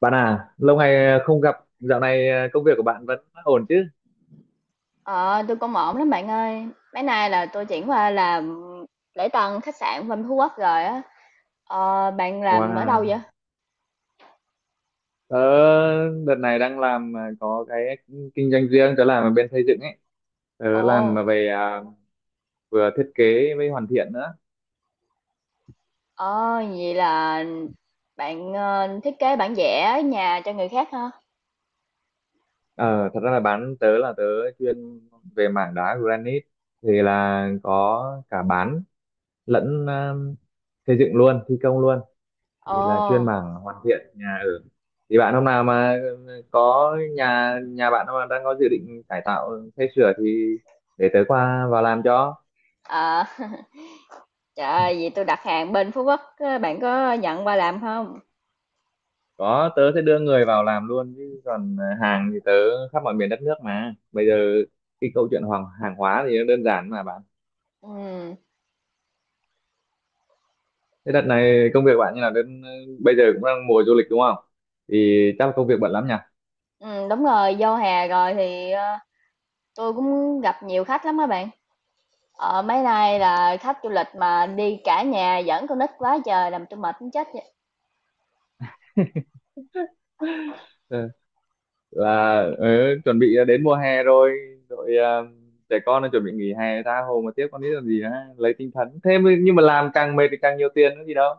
Bạn à, lâu ngày không gặp, dạo này công việc của bạn vẫn ổn chứ? Ờ, tôi cũng ổn lắm bạn ơi. Mấy nay là tôi chuyển qua làm lễ tân khách sạn bên Phú Quốc rồi á. Ờ, bạn làm ở đâu vậy? Wow, tớ đợt này đang làm có cái kinh doanh riêng, tớ làm ở bên xây dựng ấy. Tớ làm mà Ồ, về à, vừa thiết kế với hoàn thiện nữa. ờ, vậy là bạn thiết kế bản vẽ nhà cho người khác hả? Ờ, Thật ra là bán tớ là tớ chuyên về mảng đá granite thì là có cả bán lẫn xây dựng luôn, thi công luôn. Ồ, Thì là chuyên mảng hoàn thiện nhà ở, thì bạn hôm nào mà có nhà nhà bạn mà đang có dự định cải tạo xây sửa thì để tớ qua vào làm cho. ờ, trời ơi, vậy tôi đặt hàng bên Phú Quốc, á, bạn có nhận qua làm không? Có tớ sẽ đưa người vào làm luôn, chứ còn hàng thì tớ khắp mọi miền đất nước mà. Bây giờ cái câu chuyện hoàng hàng hóa thì nó đơn giản mà bạn. Ừ, Thế đợt này công việc bạn như là đến bây giờ cũng đang mùa du lịch đúng không, thì chắc là công việc bận lắm nhỉ. ừ, đúng rồi, vô hè rồi thì tôi cũng gặp nhiều khách lắm á bạn. Ờ, mấy nay là khách du lịch mà đi cả nhà dẫn con nít quá trời làm tôi mệt muốn chết vậy. Là chuẩn bị đến mùa hè rồi. Rồi trẻ con nó chuẩn bị nghỉ hè tha hồ mà tiếp con nít làm gì á. Lấy tinh thần nhưng mà làm càng mệt thì càng nhiều tiền nữa gì đâu.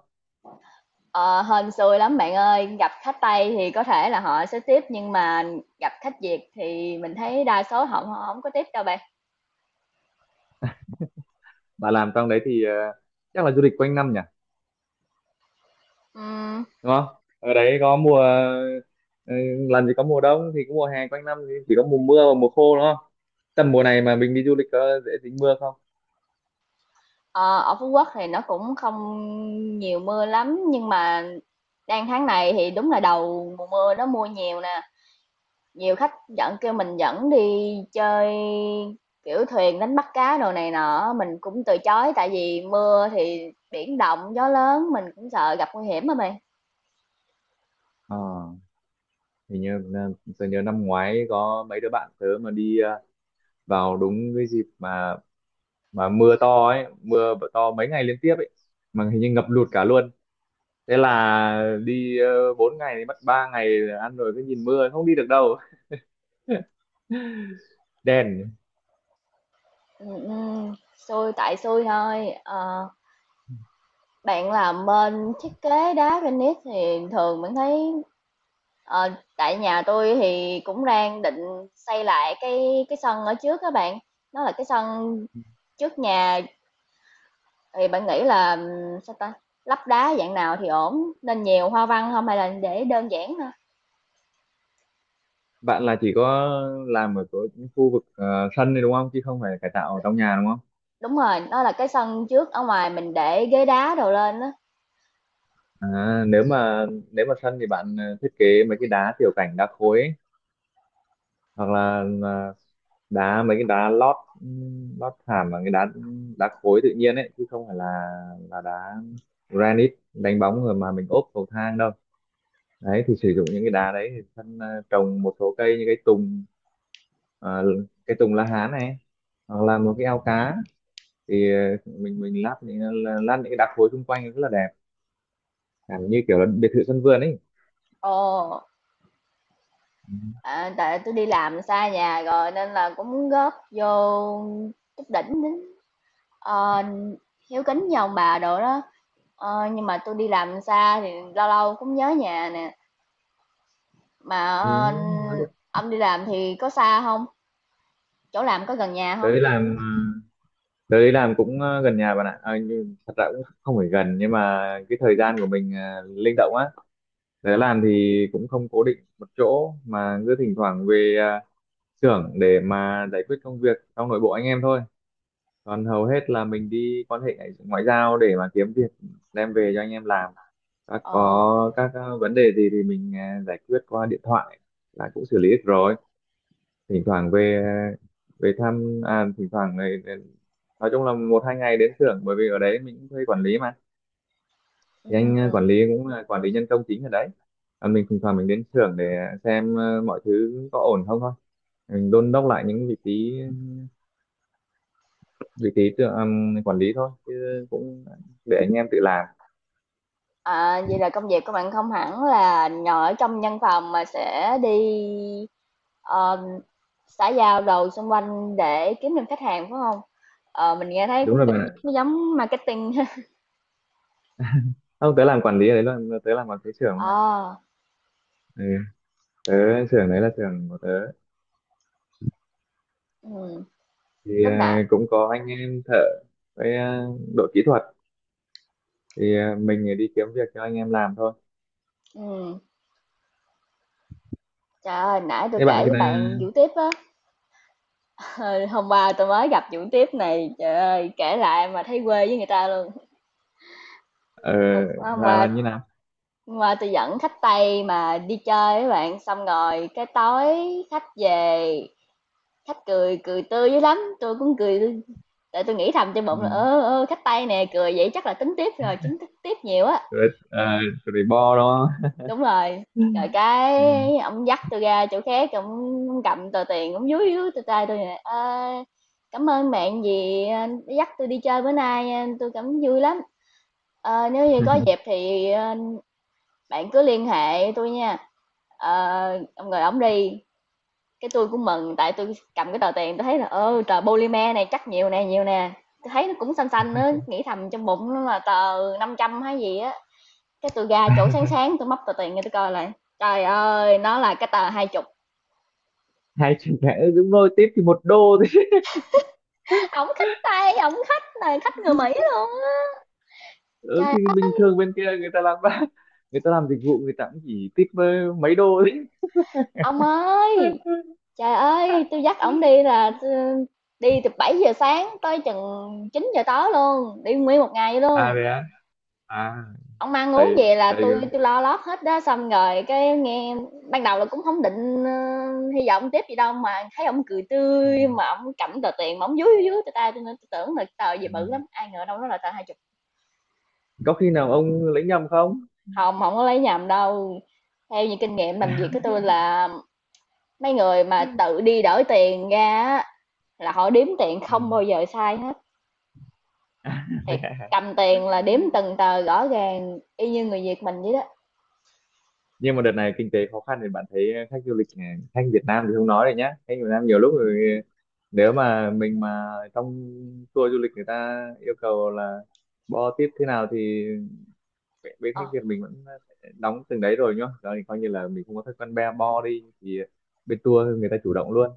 Ờ, hên xui lắm bạn ơi, gặp khách Tây thì có thể là họ sẽ tiếp nhưng mà gặp khách Việt thì mình thấy đa số họ họ không có tiếp đâu bạn. Bà làm trong đấy thì chắc là du lịch quanh năm nhỉ, Ừm, đúng không? Ở đấy có mùa ờ, làm gì có mùa đông, thì có mùa hè quanh năm thì chỉ có mùa mưa và mùa khô đúng không? Tầm mùa này mà mình đi du lịch có dễ dính mưa không? ờ, ở Phú Quốc thì nó cũng không nhiều mưa lắm nhưng mà đang tháng này thì đúng là đầu mùa mưa nó mưa nhiều nè. Nhiều khách dẫn kêu mình dẫn đi chơi, kiểu, thuyền đánh bắt cá đồ này nọ mình cũng từ chối tại vì mưa thì biển động, gió lớn, mình cũng sợ gặp nguy hiểm mà mày. Ờ, Hình như tôi nhớ năm ngoái có mấy đứa bạn tớ mà đi vào đúng cái dịp mà mưa to ấy, mưa to mấy ngày liên tiếp ấy, mà hình như ngập lụt cả luôn. Thế là đi 4 ngày thì mất 3 ngày là ăn rồi cứ nhìn mưa không đi được đâu. Đèn. Ừm, ừm, xui tại xui thôi. Ờ, bạn làm bên thiết kế đá granite thì thường mình thấy ờ, tại nhà tôi thì cũng đang định xây lại cái sân ở trước các bạn. Nó là cái sân trước nhà. Thì bạn nghĩ là, sao ta, lắp đá dạng nào thì ổn, nên nhiều hoa văn không hay là để đơn giản thôi? Bạn là chỉ có làm ở chỗ những khu vực sân này đúng không, chứ không phải cải tạo ở trong nhà đúng không? Đúng rồi, đó là cái sân trước ở ngoài mình để ghế đá đồ lên á. À, nếu mà sân thì bạn thiết kế mấy cái đá tiểu cảnh đá khối ấy. Hoặc là đá mấy cái đá lót lót thảm và cái đá đá khối tự nhiên ấy, chứ không phải là đá granite đánh bóng rồi mà mình ốp cầu thang đâu. Đấy thì sử dụng những cái đá đấy, thì sân trồng một số cây như cái tùng, ờ, cái tùng lá hán này, hoặc là một cái ao cá thì mình lát những cái đá khối xung quanh rất là đẹp, cảm như kiểu là biệt thự sân vườn ấy. Ồ, Ừ. à, tại tôi đi làm xa nhà rồi nên là cũng muốn góp vô chút đỉnh đến, ờ, hiếu kính với ông bà đồ đó. Ờ, nhưng mà tôi đi làm xa thì lâu lâu cũng nhớ nhà nè, mà, Ừ. ơ, ông đi làm thì có xa không? Chỗ làm có gần nhà không? Tới làm Tớ đi làm cũng gần nhà bạn ạ. À, nhưng thật ra cũng không phải gần, nhưng mà cái thời gian của mình linh động á. Tớ làm thì cũng không cố định một chỗ mà cứ thỉnh thoảng về xưởng để mà giải quyết công việc trong nội bộ anh em thôi. Còn hầu hết là mình đi quan hệ ngoại ngoại giao để mà kiếm việc đem về cho anh em làm. Ờ, Có các vấn đề gì thì mình giải quyết qua điện thoại là cũng xử lý được rồi. Thỉnh thoảng về về thăm, à, thỉnh thoảng nói chung là một hai ngày đến xưởng, bởi vì ở đấy mình cũng thuê quản lý mà. Thì anh ừm. quản lý cũng là quản lý nhân công chính ở đấy, và mình thỉnh thoảng mình đến xưởng để xem mọi thứ có ổn không thôi. Mình đôn đốc lại những vị trí tự, quản lý thôi chứ cũng để anh em tự làm. À, vậy là công việc của bạn không hẳn là ngồi ở trong văn phòng mà sẽ đi, ờ, xã giao đồ xung quanh để kiếm được khách hàng, phải không? Ờ, mình nghe thấy Đúng cũng rồi cảm bạn ạ. giác nó giống marketing ha. Không, tớ làm quản lý ở đấy luôn, tớ làm quản lý xưởng mà. Ờ, Ừ. Tớ xưởng đấy là xưởng của tớ, ừm, thì lúc nãy cũng có anh em thợ với đội kỹ thuật, thì mình đi kiếm việc cho anh em làm thôi. ừm, trời ơi, nãy tôi Thế bạn kể với bạn vụ tiếp á, ờ, hôm qua tôi mới gặp vụ tiếp này, trời ơi, kể lại mà thấy quê với người ta luôn. ờ, Hôm là là như nào? hôm qua tui dẫn khách Tây mà đi chơi với bạn, xong rồi cái tối khách về, khách cười cười tươi dữ lắm, tôi cũng cười tươi tại tôi nghĩ thầm trong bụng là, Ừ. ơ, ơ, khách Tây nè cười vậy chắc là tính tiếp rồi, chính thức tiếp nhiều á. Rồi rồi bo đó. Đúng rồi. Ừ. Rồi cái ông dắt tôi ra chỗ khác, ông cầm tờ tiền, ông dúi dúi tôi tay tôi nè: "Ơ, cảm ơn bạn vì đã dắt tôi đi chơi bữa nay, tôi cảm vui lắm. Ờ, nếu như có dịp thì bạn cứ liên hệ tôi nha." Ờ, ông rồi ông đi. Cái tôi cũng mừng, tại tôi cầm cái tờ tiền tôi thấy là, ơ, tờ polymer này chắc nhiều nè, nhiều nè. Tôi thấy nó cũng xanh xanh á, nghĩ thầm trong bụng nó là tờ 500 hay gì á. Cái tôi ra chỗ sáng sáng tôi móc tờ tiền nghe tôi coi lại. Trời ơi, nó là cái tờ 20. Hai chữ cái đúng rồi, tiếp thì 1 đô thôi. Ổng khách Tây, ổng khách này, khách người Mỹ luôn á. Ừ, Trời thì ơi, bình thường bên kia người ta làm, người ta làm dịch vụ người ta cũng chỉ tip mấy đô thôi. ông ơi, trời ơi, tôi dắt ổng đi là, đi từ 7 giờ sáng tới chừng 9 giờ tối luôn, đi nguyên một ngày vậy luôn. À vậy á. À, Ông ăn uống thầy vậy là thầy tôi ừ. tôi lo lót hết đó, xong rồi cái nghe ban đầu là cũng không định, ơ, hy vọng tiếp gì đâu, mà thấy ông cười tươi, mà ông cầm tờ tiền mà ổng dúi, dúi, dúi tay tôi, nên tôi tưởng là tờ gì Ừ. bự lắm, ai ngờ đâu nó là tờ 20. Có khi nào ông lấy nhầm không? Hông, không có lấy nhầm đâu. Theo như kinh nghiệm làm việc của tôi là mấy người mà tự đi đổi tiền ra á, là họ đếm tiền Ừ. không bao giờ sai hết, À, vậy thiệt, à. cầm tiền là đếm từng tờ rõ ràng y như người Việt mình vậy đó. Nhưng mà đợt này kinh tế khó khăn thì bạn thấy khách du lịch khách Việt Nam thì không nói rồi nhá, khách Việt Nam nhiều lúc rồi nếu mà mình mà trong tour du lịch người ta yêu cầu là bo tiếp thế nào thì bên bên khách Ờ, Việt mình vẫn sẽ đóng từng đấy rồi nhá. Đó thì coi như là mình không có thói quen be bo đi thì bên tour người ta chủ động luôn.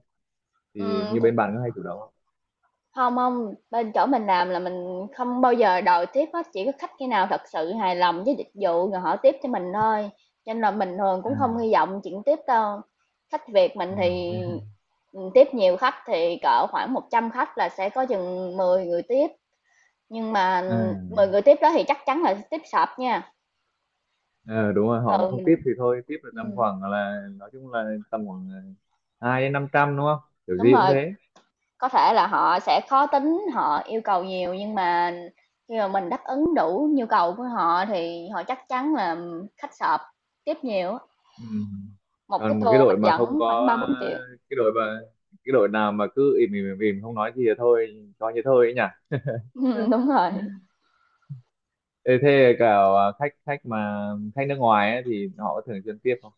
Thì ừm. như bên bạn có hay chủ động không? Hông, hông, bên chỗ mình làm là mình không bao giờ đòi tiếp hết, chỉ có khách khi nào thật sự hài lòng với dịch vụ rồi họ tiếp cho mình thôi, cho nên là mình thường à, cũng không hy vọng chuyện tiếp đâu. Khách Việt à, mình thế thì, hả? ừ, tiếp nhiều khách thì cỡ khoảng 100 khách là sẽ có chừng 10 người tiếp, nhưng mà À, 10 người tiếp đó thì chắc chắn là tiếp sập nha, ờ, đúng rồi, họ mà thường không tiếp mình thì thôi, tiếp là tầm ừm, khoảng là nói chung là tầm khoảng 200-500 đúng không? Kiểu đúng gì cũng rồi. thế. Có thể là họ sẽ khó tính, họ yêu cầu nhiều nhưng mà khi mà mình đáp ứng đủ nhu cầu của họ thì họ chắc chắn là khách sộp, tiếp nhiều. Ừ. Một cái Còn một tour cái mình đội mà không dẫn khoảng có 3 4 triệu. cái đội mà cái đội nào mà cứ im im im, im không nói gì thì thôi coi như thôi ấy nhỉ. 4, đúng rồi. Ê, thế cả à, khách khách mà khách nước ngoài ấy, thì họ có thường xuyên tiếp không?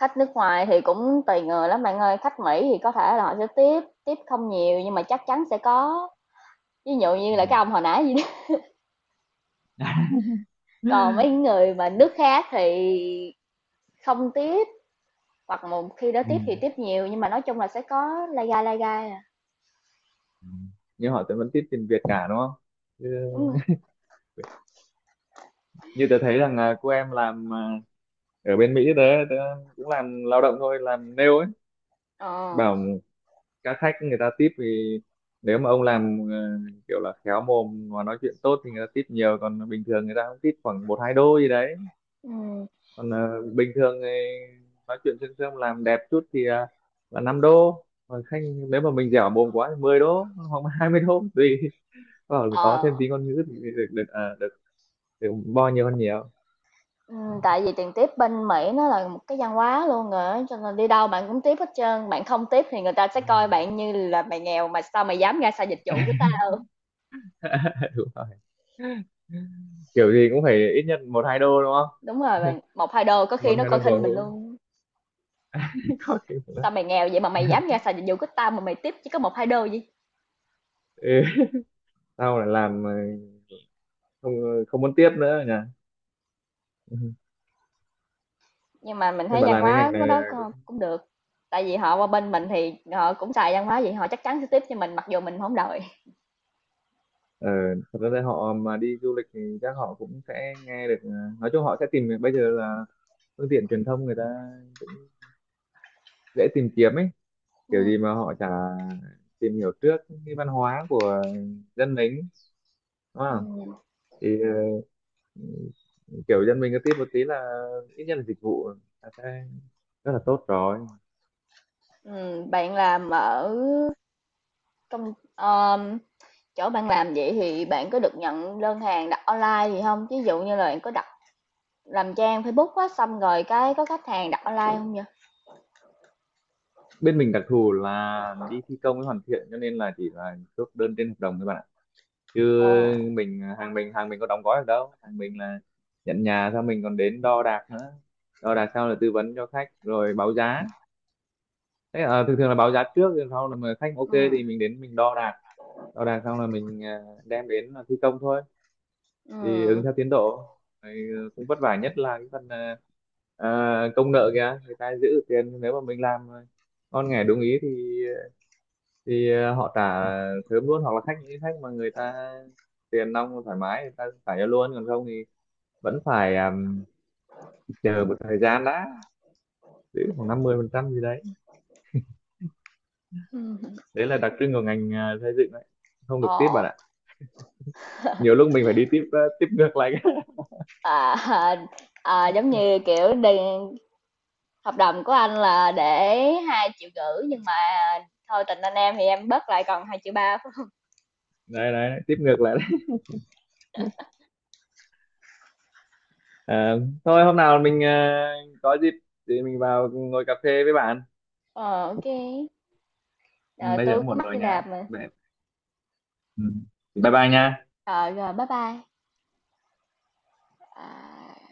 Khách nước ngoài thì cũng tùy người lắm bạn ơi, khách Mỹ thì có thể là họ sẽ tiếp, tiếp không nhiều nhưng mà chắc chắn sẽ có, ví dụ Ừ. như là cái ông hồi nãy gì đó. Còn mấy người mà nước khác thì không tiếp, hoặc một khi đó Ừ. tiếp thì tiếp nhiều nhưng mà nói chung là sẽ có lai gai à. Ừ. Nhưng họ vẫn tiếp tiền Việt cả đúng không? Đúng Chứ- rồi. Như tớ thấy rằng là cô em làm à, ở bên Mỹ, tớ cũng làm lao động thôi làm nail ấy, Ờ, bảo các khách người ta tip thì nếu mà ông làm kiểu là khéo mồm và nói chuyện tốt thì người ta tip nhiều, còn bình thường người ta cũng tip khoảng một hai đô gì đấy. ừm. Còn bình thường thì nói chuyện sương sương làm đẹp chút thì là 5 đô, còn khách nếu mà mình dẻo mồm quá thì 10 đô hoặc là 20 đô tùy. Bảo là mình có Ờ, thêm tí ngôn ngữ thì được được được bo nhiều hơn nhiều. Tại vì tiền tiếp bên Mỹ nó là một cái văn hóa luôn rồi á, cho nên đi đâu bạn cũng tiếp hết trơn, bạn không tiếp thì người ta sẽ Ừ. coi bạn như là mày nghèo mà sao mày dám ra xài dịch vụ của tao. Đúng rồi. Kiểu gì cũng phải ít nhất một hai đô đúng không? Đúng rồi bạn, 1, 2 đô có khi Một nó hai coi đô bổ khinh mình hữu. luôn. Có kiểu là- Sao mày nghèo vậy mà mày dám ra xài dịch vụ của tao mà mày tiếp chỉ có 1 2 đô gì. Ừ. Sau là làm không muốn tiếp nữa nhỉ. Ừ. Nhưng mà mình Nhưng thấy mà văn làm cái hóa ngành của này đó cũng được. Tại vì họ qua bên mình thì họ cũng xài văn hóa vậy, họ chắc chắn sẽ tiếp cho mình mặc dù mình không đòi. ờ, thật ra là họ mà đi du lịch thì chắc họ cũng sẽ nghe được nói chung họ sẽ bây giờ là phương tiện truyền thông người ta cũng dễ tìm kiếm ấy. Ừ. Kiểu gì mà họ chả tìm hiểu trước cái văn hóa của dân mình đúng không? Ừ. Thì ờ, kiểu dân mình cứ tiếp một tí là ít nhất là dịch vụ là sẽ rất là tốt rồi. Ừ, bạn làm ở công chỗ bạn làm vậy thì bạn có được nhận đơn hàng đặt online gì không, ví dụ như là bạn có đặt làm trang Facebook á, xong rồi cái có khách hàng đặt online không vậy? Bên mình đặc thù là đi thi công với hoàn thiện, cho nên là chỉ là chốt đơn trên hợp đồng thôi bạn ạ, chứ Ồ, mình hàng mình có đóng gói được đâu. Hàng mình là nhận nhà xong mình còn đến đo đạc nữa. Đo đạc xong là tư vấn cho khách rồi báo giá. Thế à, thường thường là báo giá trước rồi sau là mà khách ok ừm, thì mình đến mình đo đạc. Đo đạc xong là mình, à, đem đến là thi công thôi, thì ừm, ứng theo tiến độ. Rồi cũng vất vả nhất là cái phần à, công nợ kìa, người ta giữ được tiền nếu mà mình làm ngon nghẻ đúng ý thì họ trả thớm luôn. Hoặc là khách mà người ta tiền nong thoải mái người ta trả cho luôn, còn không thì vẫn phải chờ một thời gian đã, giữ khoảng 50% gì đấy. ừm, Đấy là đặc trưng của ngành xây dựng đấy. Không được tip ờ, bạn ạ. Nhiều lúc mình phải đi tiếp tiếp ngược lại. à, à, à, giống như, kiểu, đi hợp đồng của anh là để 2,5 triệu nhưng mà thôi tình anh em thì em bớt lại còn 2,3 triệu phải hông? Đấy đấy, tiếp ngược lại đấy. Ờ, thôi hôm nào mình có dịp thì mình vào ngồi cà phê với bạn. Ờ, ô, Ừ, ờ, bây giờ tui cũng cũng muộn mắc rồi đi nhá. làm mà. Vậy, ừ, bye bye nha. Ờ, rồi, bye bye. À.